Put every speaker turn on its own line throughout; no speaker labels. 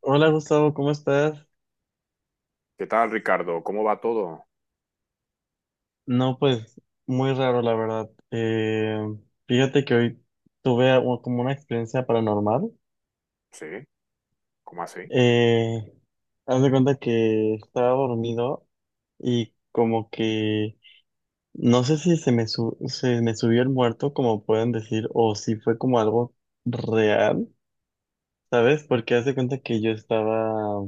Hola Gustavo, ¿cómo estás?
¿Qué tal, Ricardo? ¿Cómo va todo?
No, pues muy raro la verdad. Fíjate que hoy tuve como una experiencia paranormal.
Sí, ¿cómo así?
Eh, Haz de cuenta que estaba dormido, y como que no sé si se me subió el muerto, como pueden decir, o si fue como algo real, ¿sabes? Porque haz de cuenta que yo estaba,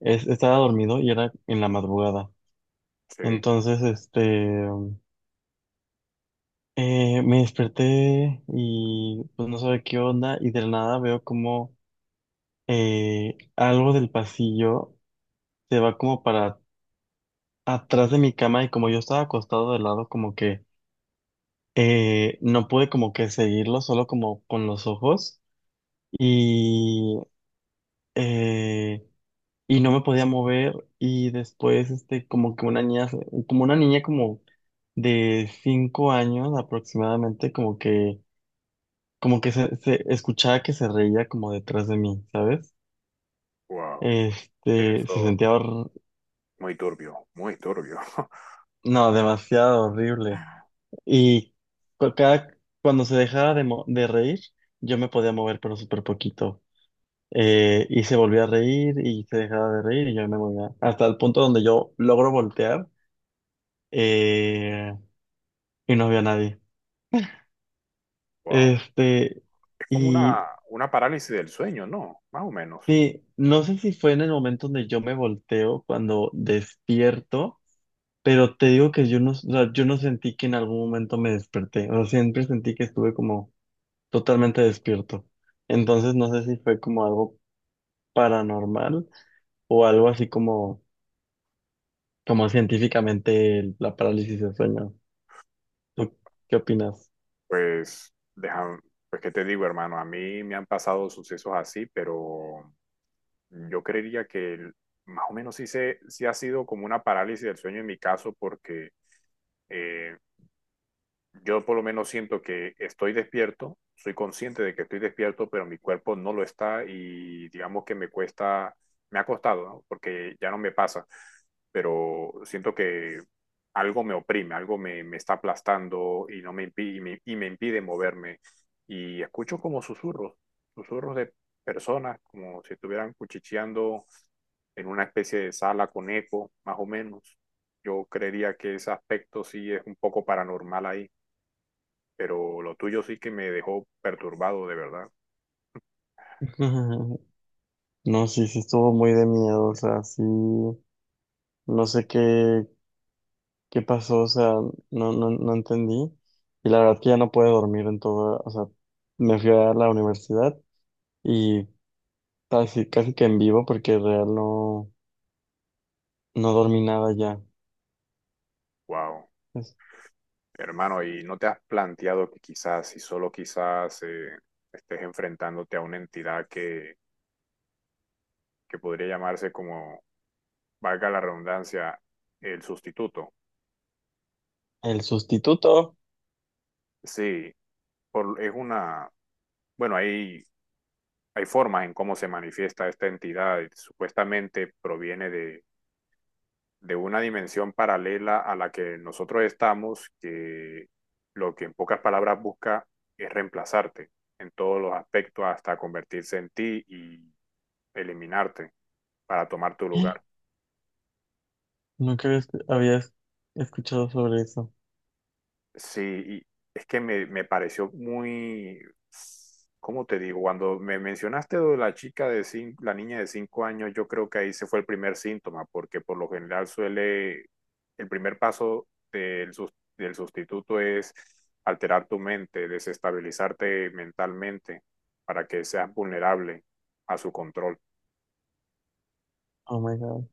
es- estaba dormido y era en la madrugada.
Sí,
Entonces. Me desperté y pues no sabía qué onda, y de la nada veo como algo del pasillo se va como para atrás de mi cama, y como yo estaba acostado de lado, como que no pude como que seguirlo solo como con los ojos, y, eh, y no me podía mover. Y después como que una niña como de 5 años aproximadamente, como que se escuchaba que se reía como detrás de mí, ¿sabes?
wow.
Este, se
Eso,
sentía hor-
muy turbio, muy turbio.
no, demasiado horrible. Y cuando se dejaba de reír, yo me podía mover, pero súper poquito. Y se volvía a reír y se dejaba de reír y yo me movía. Hasta el punto donde yo logro voltear, eh, y no había nadie.
Wow.
Este,
Es como una,
y
una parálisis del sueño, ¿no? Más o menos.
sí, no sé si fue en el momento donde yo me volteo cuando despierto. Pero te digo que yo no, o sea, yo no sentí que en algún momento me desperté. O sea, siempre sentí que estuve como totalmente despierto. Entonces no sé si fue como algo paranormal o algo así como científicamente la parálisis de sueño. ¿Tú qué opinas?
Pues, deja, pues, ¿qué te digo, hermano? A mí me han pasado sucesos así, pero yo creería que más o menos sí, sí ha sido como una parálisis del sueño en mi caso, porque eh, yo por lo menos siento que estoy despierto, soy consciente de que estoy despierto, pero mi cuerpo no lo está y digamos que me cuesta, me ha costado, ¿no? Porque ya no me pasa, pero siento que algo me oprime, algo me está aplastando y no me impi- y me impide moverme. Y escucho como susurros, susurros de personas, como si estuvieran cuchicheando en una especie de sala con eco, más o menos. Yo creería que ese aspecto sí es un poco paranormal ahí, pero lo tuyo sí que me dejó perturbado de verdad.
No, sí, sí estuvo muy de miedo. O sea, sí, no sé qué pasó. O sea, no, no, no entendí. Y la verdad que ya no pude dormir en todo. O sea, me fui a la universidad, y casi, casi que en vivo, porque real no, no dormí nada ya.
Wow.
Es
Hermano, ¿y no te has planteado que quizás, y solo quizás, estés enfrentándote a una entidad que podría llamarse como, valga la redundancia, el sustituto?
el sustituto.
Sí, por- es una, bueno, hay formas en cómo se manifiesta esta entidad. Supuestamente proviene de una dimensión paralela a la que nosotros estamos, que lo que en pocas palabras busca es reemplazarte en todos los aspectos hasta convertirse en ti y eliminarte para tomar tu lugar.
¿No crees que habías escuchado sobre eso?
Sí, y es que me pareció muy, ¿cómo te digo? Cuando me mencionaste lo de la niña de 5 años, yo creo que ahí se fue el primer síntoma, porque por lo general suele, el primer paso del sustituto es alterar tu mente, desestabilizarte mentalmente para que seas vulnerable a su control.
Oh my God.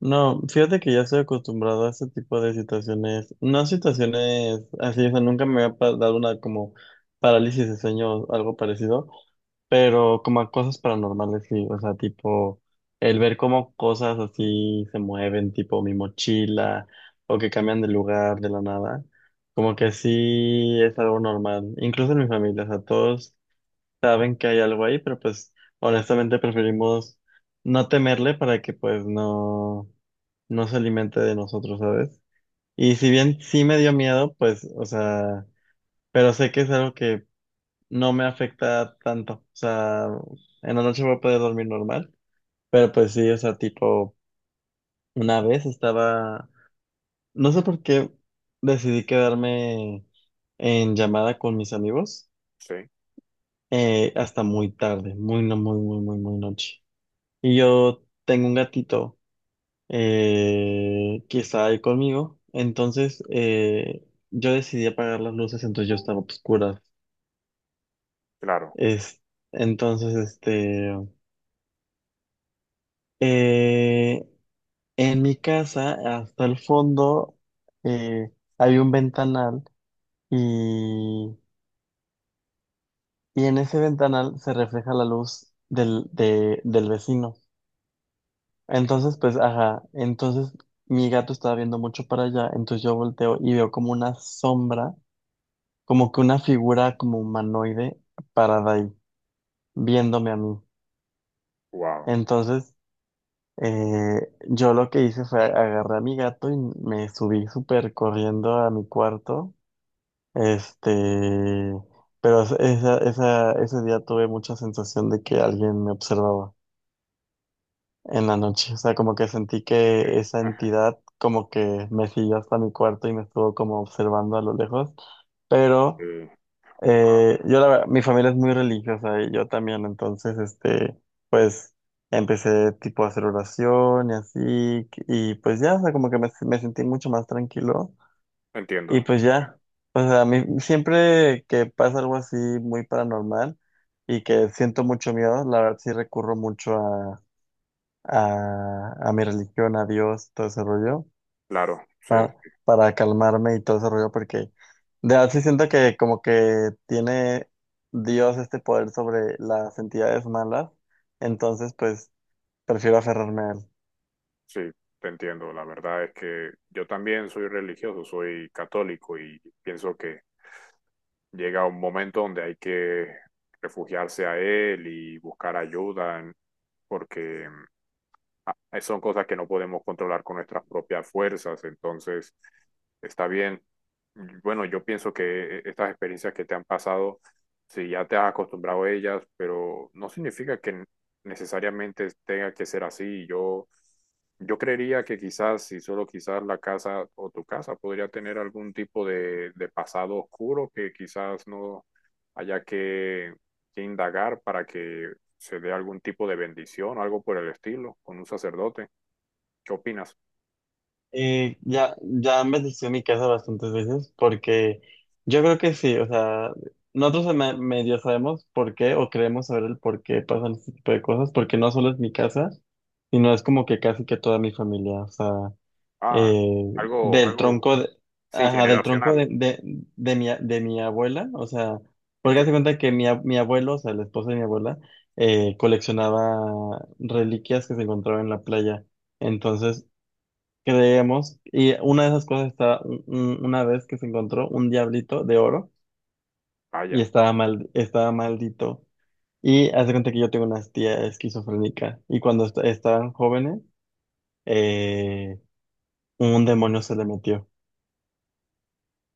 No, fíjate que ya estoy acostumbrado a este tipo de situaciones, no situaciones así, o sea, nunca me había dado una como parálisis de sueño o algo parecido, pero como a cosas paranormales, sí, o sea, tipo el ver cómo cosas así se mueven, tipo mi mochila o que cambian de lugar de la nada, como que sí es algo normal, incluso en mi familia. O sea, todos saben que hay algo ahí, pero pues honestamente preferimos no temerle para que pues no no se alimente de nosotros, ¿sabes? Y si bien sí me dio miedo, pues, o sea, pero sé que es algo que no me afecta tanto. O sea, en la noche voy a poder dormir normal, pero pues sí, o sea, tipo, una vez estaba, no sé por qué decidí quedarme en llamada con mis amigos
Sí,
hasta muy tarde, muy, no, muy, muy, muy, muy noche. Y yo tengo un gatito, que estaba ahí conmigo. Entonces yo decidí apagar las luces, entonces yo estaba oscura.
claro,
Es, entonces, eh, en mi casa, hasta el fondo, eh, había un ventanal, y, y en ese ventanal se refleja la luz del vecino.
entiendo.
Entonces, pues, ajá, entonces mi gato estaba viendo mucho para allá, entonces yo volteo y veo como una sombra, como que una figura como humanoide parada ahí, viéndome a mí.
Wow.
Entonces, eh, yo lo que hice fue agarré a mi gato y me subí súper corriendo a mi cuarto. Este, pero ese día tuve mucha sensación de que alguien me observaba en la noche. O sea, como que sentí
Sí,
que esa entidad como que me siguió hasta mi cuarto y me estuvo como observando a lo lejos. Pero
sí,
Yo la verdad, mi familia es muy religiosa y yo también. Entonces, este, pues, empecé tipo a hacer oración y así, y pues ya, o sea, como que me sentí mucho más tranquilo.
entiendo,
Y pues ya, o sea, a mí siempre que pasa algo así muy paranormal y que siento mucho miedo, la verdad sí recurro mucho a mi religión, a Dios, todo ese rollo,
claro, sí.
para, para calmarme y todo ese rollo, porque de verdad sí siento que como que tiene Dios este poder sobre las entidades malas. Entonces, pues, prefiero aferrarme a él.
Sí, te entiendo. La verdad es que yo también soy religioso, soy católico y pienso que llega un momento donde hay que refugiarse a él y buscar ayuda, porque son cosas que no podemos controlar con nuestras propias fuerzas, entonces está bien. Bueno, yo pienso que estas experiencias que te han pasado, si ya te has acostumbrado a ellas, pero no significa que necesariamente tenga que ser así. Yo creería que quizás, si solo quizás la casa o tu casa podría tener algún tipo de pasado oscuro que quizás no haya que indagar para que se dé algún tipo de bendición, algo por el estilo, con un sacerdote. ¿Qué opinas?
Y ya, ya han bendecido mi casa bastantes veces, porque yo creo que sí, o sea, nosotros medio sabemos por qué o creemos saber el por qué pasan este tipo de cosas, porque no solo es mi casa, sino es como que casi que toda mi familia, o sea.
Ah,
eh,
algo,
Del
algo,
tronco de,
sí,
ajá, del tronco
generacional.
de mi, a- de mi abuela, o sea. Porque hace
Entiendo.
cuenta que mi abuelo, o sea, la esposa de mi abuela, coleccionaba reliquias que se encontraban en la playa. Entonces, creemos, y una de esas cosas estaba, una vez que se encontró un diablito de oro, y
Vaya,
estaba mal, estaba maldito. Y hace cuenta que yo tengo una tía esquizofrénica, y cuando estaban jóvenes, eh, un demonio se le metió.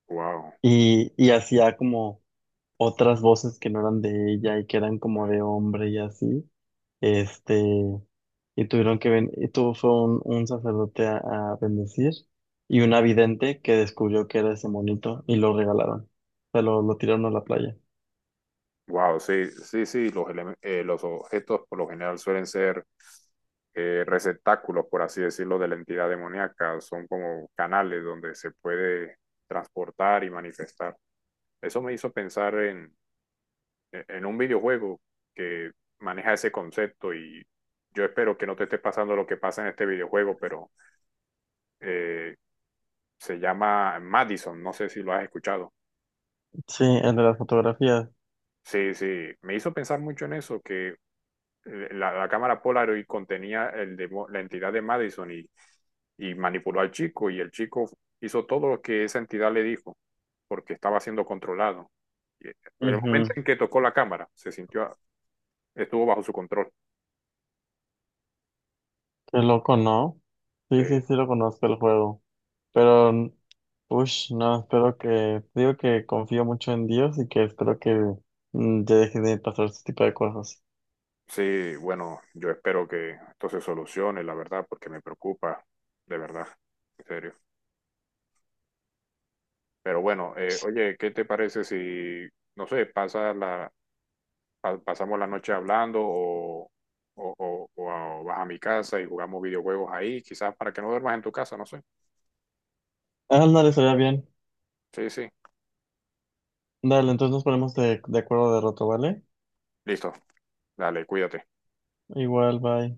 wow,
Y hacía como otras voces que no eran de ella y que eran como de hombre y así. Este, y tuvieron que ven, y tuvo fue un sacerdote a bendecir, y una vidente que descubrió que era ese monito, y lo regalaron, lo tiraron a la playa.
wow, sí, sí, sí, los objetos por lo general suelen ser receptáculos, por así decirlo, de la entidad demoníaca, son como canales donde se puede transportar y manifestar. Eso me hizo pensar en un videojuego que maneja ese concepto y yo espero que no te esté pasando lo que pasa en este videojuego, pero eh, se llama Madison, no sé si lo has escuchado.
Sí, el de las fotografías.
Sí, sí, me hizo pensar mucho en eso, que la cámara Polaroid contenía la entidad de Madison y manipuló al chico y el chico hizo todo lo que esa entidad le dijo porque estaba siendo controlado. Y el momento
Ujú.
en que tocó la cámara, estuvo bajo su control.
Qué loco, ¿no?
Sí,
Sí, sí, sí lo conozco el juego. Pero, uff, no, espero que, digo que confío mucho en Dios y que espero que ya deje de pasar este tipo de cosas.
sí, bueno, yo espero que esto se solucione, la verdad, porque me preocupa, de verdad, en serio. Pero bueno, oye, ¿qué te parece si, no sé, pasamos la noche hablando o vas a mi casa y jugamos videojuegos ahí, quizás para que no duermas en tu casa, no sé.
Ah, no, estaría bien.
Sí, sí,
Dale, entonces nos ponemos de acuerdo de rato, ¿vale?
listo, dale, cuídate.
Igual, bye.